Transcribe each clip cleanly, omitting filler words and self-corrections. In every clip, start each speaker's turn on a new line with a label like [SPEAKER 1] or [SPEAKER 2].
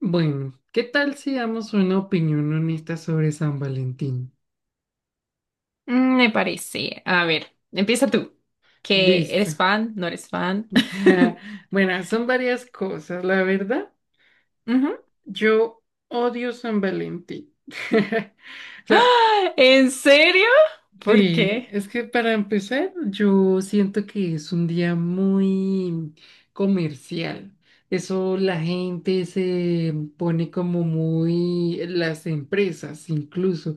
[SPEAKER 1] Bueno, ¿qué tal si damos una opinión honesta sobre San Valentín?
[SPEAKER 2] Me parece. A ver, empieza tú. ¿Que
[SPEAKER 1] Listo.
[SPEAKER 2] eres fan? ¿No eres fan?
[SPEAKER 1] Bueno, son varias cosas, la verdad.
[SPEAKER 2] Ujú.
[SPEAKER 1] Yo odio San Valentín. O sea,
[SPEAKER 2] ¡Ah! ¿En serio? ¿Por
[SPEAKER 1] sí,
[SPEAKER 2] qué?
[SPEAKER 1] es que para empezar, yo siento que es un día muy comercial. Eso la gente se pone como muy, las empresas incluso,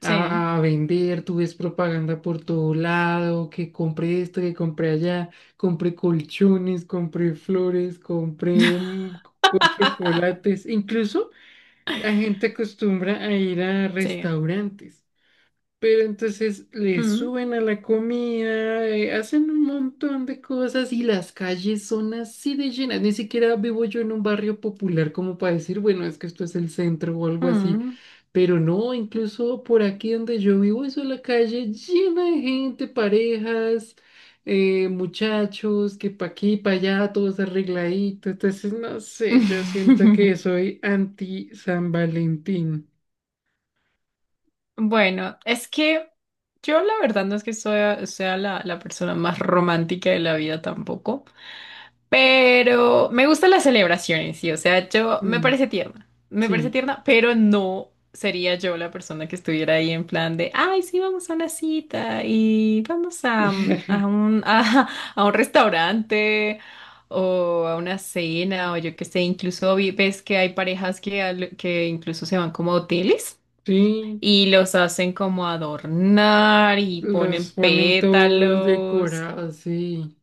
[SPEAKER 2] Sí.
[SPEAKER 1] a vender. Tú ves propaganda por todo lado, que compré esto, que compré allá, compré colchones, compré flores, compré chocolates, incluso la gente acostumbra a ir a
[SPEAKER 2] Sí.
[SPEAKER 1] restaurantes. Pero entonces le
[SPEAKER 2] Mm,
[SPEAKER 1] suben a la comida, hacen un montón de cosas y las calles son así de llenas. Ni siquiera vivo yo en un barrio popular como para decir, bueno, es que esto es el centro o algo así.
[SPEAKER 2] mm.
[SPEAKER 1] Pero no, incluso por aquí donde yo vivo es la calle llena de gente, parejas, muchachos, que pa' aquí, pa' allá, todos arregladitos. Entonces, no sé, yo siento que soy anti San Valentín.
[SPEAKER 2] Bueno, es que yo la verdad no es que sea la persona más romántica de la vida tampoco. Pero me gustan las celebraciones, sí. O sea, yo me
[SPEAKER 1] Mm,
[SPEAKER 2] parece tierna. Me parece
[SPEAKER 1] sí.
[SPEAKER 2] tierna, pero no sería yo la persona que estuviera ahí en plan de, ay, sí, vamos a una cita y vamos a, mm, a un, a un restaurante o a una cena o yo qué sé. Incluso ves que hay parejas que, que incluso se van como a hoteles.
[SPEAKER 1] Sí,
[SPEAKER 2] Y los hacen como adornar y ponen
[SPEAKER 1] los ponen todos
[SPEAKER 2] pétalos.
[SPEAKER 1] decorados, sí.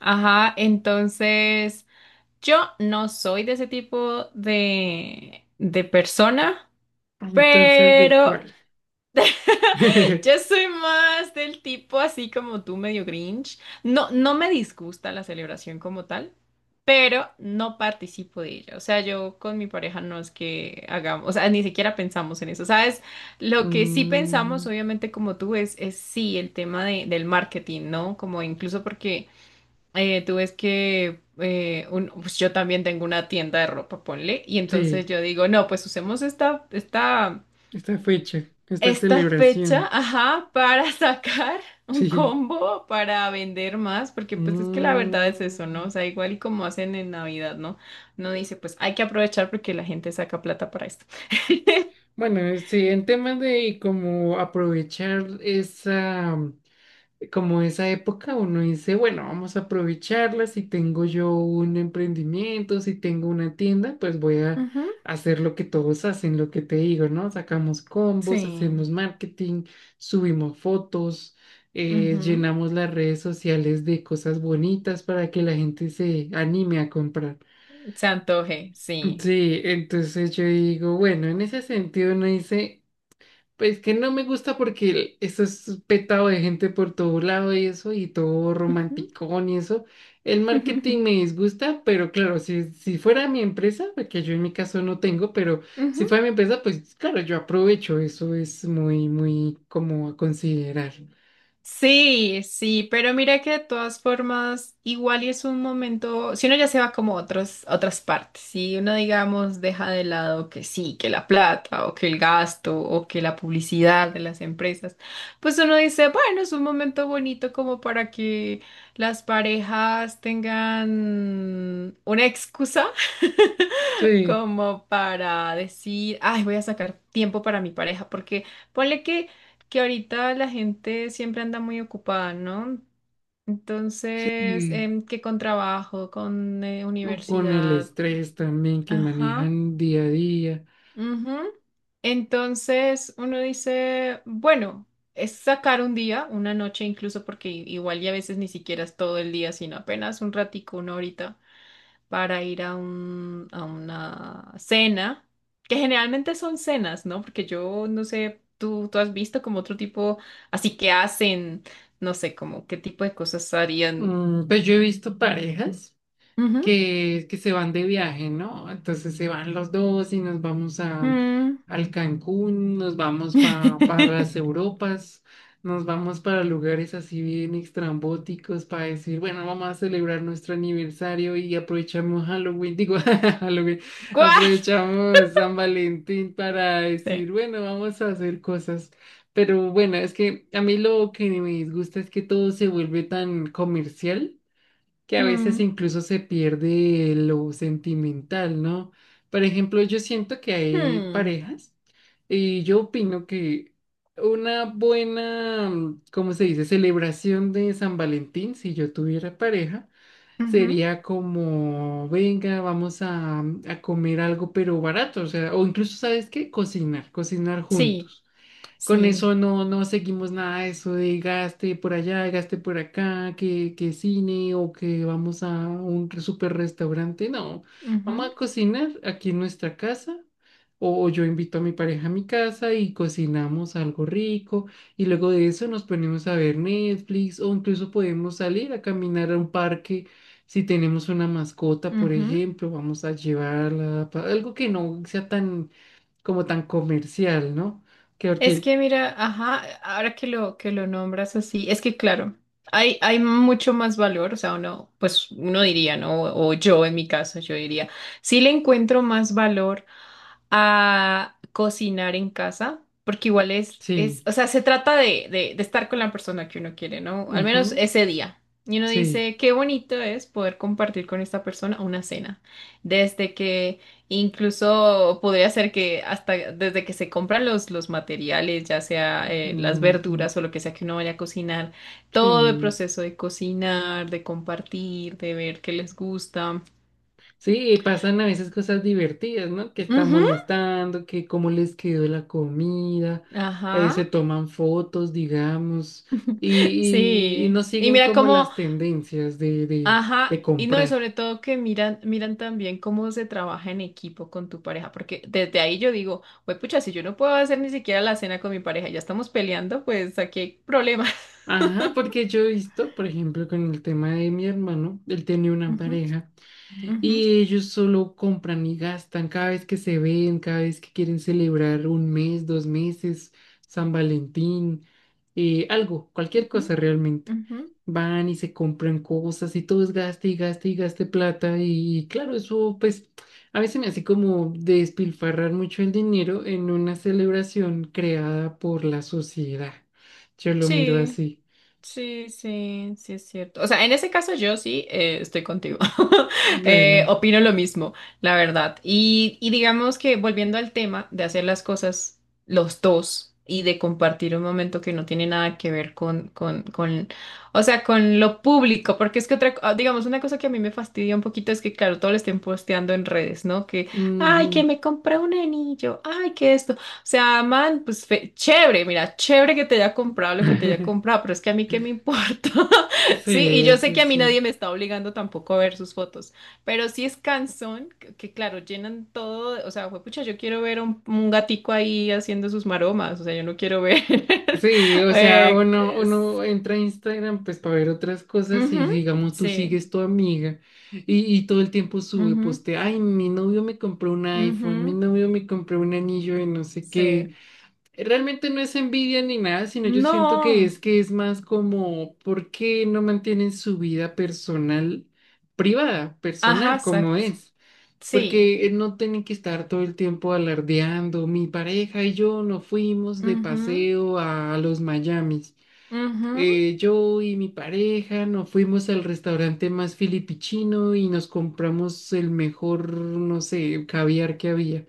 [SPEAKER 2] Ajá, entonces yo no soy de ese tipo de persona,
[SPEAKER 1] Entonces, ¿de
[SPEAKER 2] pero
[SPEAKER 1] cuál?
[SPEAKER 2] yo soy más del tipo así como tú, medio Grinch. No, no me disgusta la celebración como tal, pero no participo de ella. O sea, yo con mi pareja no es que hagamos, o sea, ni siquiera pensamos en eso. ¿Sabes? Lo que sí pensamos,
[SPEAKER 1] Mm,
[SPEAKER 2] obviamente, como tú, es, sí, el tema del marketing, ¿no? Como incluso porque tú ves que pues yo también tengo una tienda de ropa, ponle, y entonces
[SPEAKER 1] sí,
[SPEAKER 2] yo digo, no, pues usemos esta, esta,
[SPEAKER 1] esta fecha, esta
[SPEAKER 2] esta fecha,
[SPEAKER 1] celebración.
[SPEAKER 2] ajá, para sacar un
[SPEAKER 1] Sí.
[SPEAKER 2] combo, para vender más, porque pues es que la verdad es eso, ¿no?
[SPEAKER 1] Mm,
[SPEAKER 2] O sea, igual y como hacen en Navidad, ¿no? No dice, pues hay que aprovechar porque la gente saca plata para esto.
[SPEAKER 1] bueno, sí, en temas de cómo aprovechar esa como esa época uno dice, bueno, vamos a aprovecharla, si tengo yo un emprendimiento, si tengo una tienda, pues voy a
[SPEAKER 2] Ujú.
[SPEAKER 1] hacer lo que todos hacen, lo que te digo, ¿no? Sacamos combos, hacemos
[SPEAKER 2] Sí.
[SPEAKER 1] marketing, subimos fotos,
[SPEAKER 2] Ujú.
[SPEAKER 1] llenamos las redes sociales de cosas bonitas para que la gente se anime a comprar.
[SPEAKER 2] Se antoje, sí.
[SPEAKER 1] Sí, entonces yo digo, bueno, en ese sentido uno dice... Pues que no me gusta porque eso es petado de gente por todo lado y eso, y todo
[SPEAKER 2] Ujú.
[SPEAKER 1] romanticón y eso. El marketing me
[SPEAKER 2] Ujú.
[SPEAKER 1] disgusta, pero claro, si fuera mi empresa, porque yo en mi caso no tengo, pero si fuera mi empresa, pues claro, yo aprovecho. Eso es muy, muy como a considerar.
[SPEAKER 2] Sí, sí, pero mira que de todas formas, igual y es un momento, si uno ya se va como a otros, a otras partes, si uno digamos deja de lado que sí, que la plata o que el gasto o que la publicidad de las empresas, pues uno dice, bueno, es un momento bonito como para que las parejas tengan una excusa
[SPEAKER 1] Sí,
[SPEAKER 2] como para decir, ay, voy a sacar tiempo para mi pareja, porque ponle que, ahorita la gente siempre anda muy ocupada, ¿no? Entonces,
[SPEAKER 1] sí.
[SPEAKER 2] que con trabajo, con
[SPEAKER 1] Con el
[SPEAKER 2] universidad,
[SPEAKER 1] estrés también que
[SPEAKER 2] ajá,
[SPEAKER 1] manejan día a día.
[SPEAKER 2] ujú. Entonces uno dice, bueno, es sacar un día, una noche incluso, porque igual y a veces ni siquiera es todo el día, sino apenas un ratico, una horita para ir a un, a una cena, que generalmente son cenas, ¿no? Porque yo no sé, tú has visto como otro tipo, así que hacen, no sé, como qué tipo de cosas harían.
[SPEAKER 1] Pues yo he visto parejas
[SPEAKER 2] Ujú.
[SPEAKER 1] que se van de viaje, ¿no? Entonces se van los dos y nos vamos a,
[SPEAKER 2] Mm.
[SPEAKER 1] al Cancún, nos vamos para las Europas, nos vamos para lugares así bien extrambóticos para decir, bueno, vamos a celebrar nuestro aniversario y aprovechamos Halloween, digo, Halloween,
[SPEAKER 2] ¿Cuál?
[SPEAKER 1] aprovechamos San Valentín para
[SPEAKER 2] Sí.
[SPEAKER 1] decir, bueno, vamos a hacer cosas. Pero bueno, es que a mí lo que me disgusta es que todo se vuelve tan comercial que a veces
[SPEAKER 2] Mm.
[SPEAKER 1] incluso se pierde lo sentimental, ¿no? Por ejemplo, yo siento que hay
[SPEAKER 2] Mm.
[SPEAKER 1] parejas y yo opino que una buena, ¿cómo se dice?, celebración de San Valentín, si yo tuviera pareja,
[SPEAKER 2] Ujú.
[SPEAKER 1] sería como, venga, vamos a comer algo pero barato, o sea, o incluso, ¿sabes qué? Cocinar, cocinar
[SPEAKER 2] Sí,
[SPEAKER 1] juntos. Con
[SPEAKER 2] sí.
[SPEAKER 1] eso no, no seguimos nada de eso de gaste por allá, gaste por acá, que cine o que vamos a un super restaurante. No, vamos a cocinar aquí en nuestra casa o yo invito a mi pareja a mi casa y cocinamos algo rico y luego de eso nos ponemos a ver Netflix o incluso podemos salir a caminar a un parque. Si tenemos una mascota,
[SPEAKER 2] Ujú,
[SPEAKER 1] por
[SPEAKER 2] ujú.
[SPEAKER 1] ejemplo, vamos a llevarla, algo que no sea tan como tan comercial, ¿no? que
[SPEAKER 2] Es
[SPEAKER 1] porque
[SPEAKER 2] que mira, ajá, ahora que lo nombras así, es que claro, hay mucho más valor, o sea, uno pues uno diría, ¿no? O yo en mi caso yo diría, sí le encuentro más valor a cocinar en casa, porque igual es,
[SPEAKER 1] Sí,
[SPEAKER 2] o sea, se trata de estar con la persona que uno quiere, ¿no? Al menos
[SPEAKER 1] ujú,
[SPEAKER 2] ese día. Y uno
[SPEAKER 1] sí,
[SPEAKER 2] dice, qué bonito es poder compartir con esta persona una cena. Desde que Incluso podría ser que hasta desde que se compran los materiales, ya sea las
[SPEAKER 1] ujú,
[SPEAKER 2] verduras o lo que sea que uno vaya a cocinar, todo el
[SPEAKER 1] sí,
[SPEAKER 2] proceso de cocinar, de compartir, de ver qué les gusta.
[SPEAKER 1] sí, y pasan a veces cosas divertidas, ¿no? Que están
[SPEAKER 2] Ujú.
[SPEAKER 1] molestando, que cómo les quedó la comida,
[SPEAKER 2] Ajá,
[SPEAKER 1] se toman fotos, digamos, y
[SPEAKER 2] sí.
[SPEAKER 1] no
[SPEAKER 2] Y
[SPEAKER 1] siguen
[SPEAKER 2] mira
[SPEAKER 1] como
[SPEAKER 2] cómo,
[SPEAKER 1] las tendencias de, de,
[SPEAKER 2] ajá,
[SPEAKER 1] de
[SPEAKER 2] y no, y
[SPEAKER 1] comprar.
[SPEAKER 2] sobre todo que miran también cómo se trabaja en equipo con tu pareja, porque desde ahí yo digo, pues pucha, si yo no puedo hacer ni siquiera la cena con mi pareja, ya estamos peleando, pues aquí hay problemas.
[SPEAKER 1] Ajá, porque yo he visto, por ejemplo, con el tema de mi hermano, él tenía una
[SPEAKER 2] Ujú,
[SPEAKER 1] pareja.
[SPEAKER 2] ujú.
[SPEAKER 1] Y ellos solo compran y gastan cada vez que se ven, cada vez que quieren celebrar un mes, dos meses, San Valentín, algo, cualquier
[SPEAKER 2] Ujú,
[SPEAKER 1] cosa realmente.
[SPEAKER 2] ujú.
[SPEAKER 1] Van y se compran cosas y todo es gaste y gaste y gaste plata. Y claro, eso pues a veces me hace como despilfarrar mucho el dinero en una celebración creada por la sociedad. Yo lo miro
[SPEAKER 2] Sí,
[SPEAKER 1] así.
[SPEAKER 2] sí, sí, sí es cierto. O sea, en ese caso yo sí estoy contigo.
[SPEAKER 1] Bueno.
[SPEAKER 2] Opino lo mismo, la verdad. Y digamos que volviendo al tema de hacer las cosas los dos y de compartir un momento que no tiene nada que ver con, o sea, con lo público, porque es que otra, ah, digamos, una cosa que a mí me fastidia un poquito es que, claro, todo lo estén posteando en redes, ¿no? Que, ay,
[SPEAKER 1] Ujú.
[SPEAKER 2] que me compré un anillo, ay, que esto. O sea, man, pues chévere, mira, chévere que te haya comprado lo que te haya comprado, pero es que a mí qué me importa.
[SPEAKER 1] Sí,
[SPEAKER 2] Sí, y yo sé
[SPEAKER 1] eso
[SPEAKER 2] que
[SPEAKER 1] es
[SPEAKER 2] a mí nadie me
[SPEAKER 1] cierto.
[SPEAKER 2] está obligando tampoco a ver sus fotos, pero sí es cansón, que claro, llenan todo, o sea, pucha, yo quiero ver un gatico ahí haciendo sus maromas, o sea, yo no quiero ver.
[SPEAKER 1] Sí, o sea,
[SPEAKER 2] eh,
[SPEAKER 1] uno,
[SPEAKER 2] pues,
[SPEAKER 1] uno entra a Instagram pues para ver otras cosas y
[SPEAKER 2] ujú,
[SPEAKER 1] digamos tú
[SPEAKER 2] sí,
[SPEAKER 1] sigues tu amiga y todo el tiempo sube,
[SPEAKER 2] ujú,
[SPEAKER 1] poste, ay, mi novio me compró un iPhone, mi
[SPEAKER 2] ujú,
[SPEAKER 1] novio me compró un anillo de no sé
[SPEAKER 2] sí.
[SPEAKER 1] qué. Realmente no es envidia ni nada, sino yo siento
[SPEAKER 2] No,
[SPEAKER 1] que es más como, ¿por qué no mantienen su vida personal, privada,
[SPEAKER 2] ajá,
[SPEAKER 1] personal, como
[SPEAKER 2] exacto,
[SPEAKER 1] es?
[SPEAKER 2] sí,
[SPEAKER 1] Porque no tienen que estar todo el tiempo alardeando. Mi pareja y yo nos fuimos de
[SPEAKER 2] mhm
[SPEAKER 1] paseo a los Miamis.
[SPEAKER 2] mhm
[SPEAKER 1] Yo y mi pareja nos fuimos al restaurante más filipichino y nos compramos el mejor, no sé, caviar que había.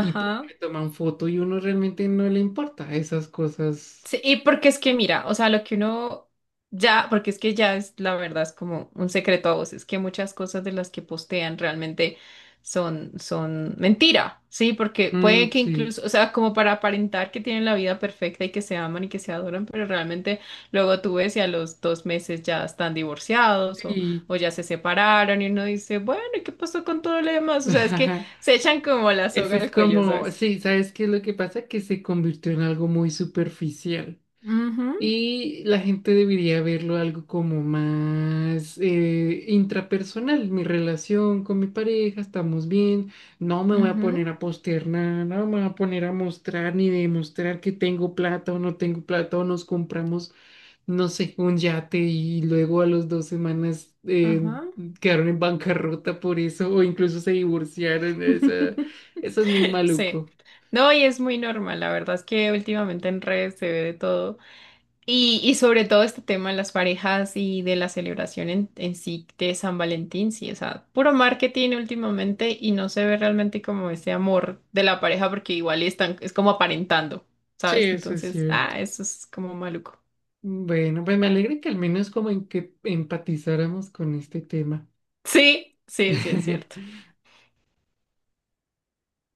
[SPEAKER 1] Y pum, le toman foto y uno realmente no le importa esas cosas.
[SPEAKER 2] Sí, y porque es que mira, o sea, lo que uno ya, porque es que ya es la verdad, es como un secreto a voces, que muchas cosas de las que postean realmente son, mentira, ¿sí? Porque
[SPEAKER 1] Mm,
[SPEAKER 2] puede que
[SPEAKER 1] sí,
[SPEAKER 2] incluso, o sea, como para aparentar que tienen la vida perfecta y que se aman y que se adoran, pero realmente luego tú ves y a los 2 meses ya están divorciados o,
[SPEAKER 1] sí.
[SPEAKER 2] o ya se separaron y uno dice, bueno, ¿y qué pasó con todo lo demás? O sea, es que se echan como la
[SPEAKER 1] Eso
[SPEAKER 2] soga
[SPEAKER 1] es
[SPEAKER 2] al cuello,
[SPEAKER 1] como,
[SPEAKER 2] ¿sabes?
[SPEAKER 1] sí, ¿sabes qué es lo que pasa? Que se convirtió en algo muy superficial.
[SPEAKER 2] Ujú.
[SPEAKER 1] Y la gente debería verlo algo como más intrapersonal. Mi relación con mi pareja, estamos bien. No me voy a poner
[SPEAKER 2] Ujú,
[SPEAKER 1] a postear nada, no me voy a poner a mostrar ni demostrar que tengo plata o no tengo plata o nos compramos, no sé, un yate y luego a las dos semanas
[SPEAKER 2] ajá.
[SPEAKER 1] quedaron en bancarrota por eso o incluso se divorciaron. Esa- eso es muy
[SPEAKER 2] Sí.
[SPEAKER 1] maluco.
[SPEAKER 2] No, y es muy normal. La verdad es que últimamente en redes se ve de todo. Y sobre todo este tema de las parejas y de la celebración en, sí de San Valentín, sí, o sea, puro marketing últimamente y no se ve realmente como ese amor de la pareja porque igual están, es como aparentando,
[SPEAKER 1] Sí,
[SPEAKER 2] ¿sabes?
[SPEAKER 1] eso es
[SPEAKER 2] Entonces,
[SPEAKER 1] cierto.
[SPEAKER 2] ah, eso es como maluco.
[SPEAKER 1] Bueno, pues me alegra que al menos como en que empatizáramos con este tema.
[SPEAKER 2] Sí, sí, sí, es cierto.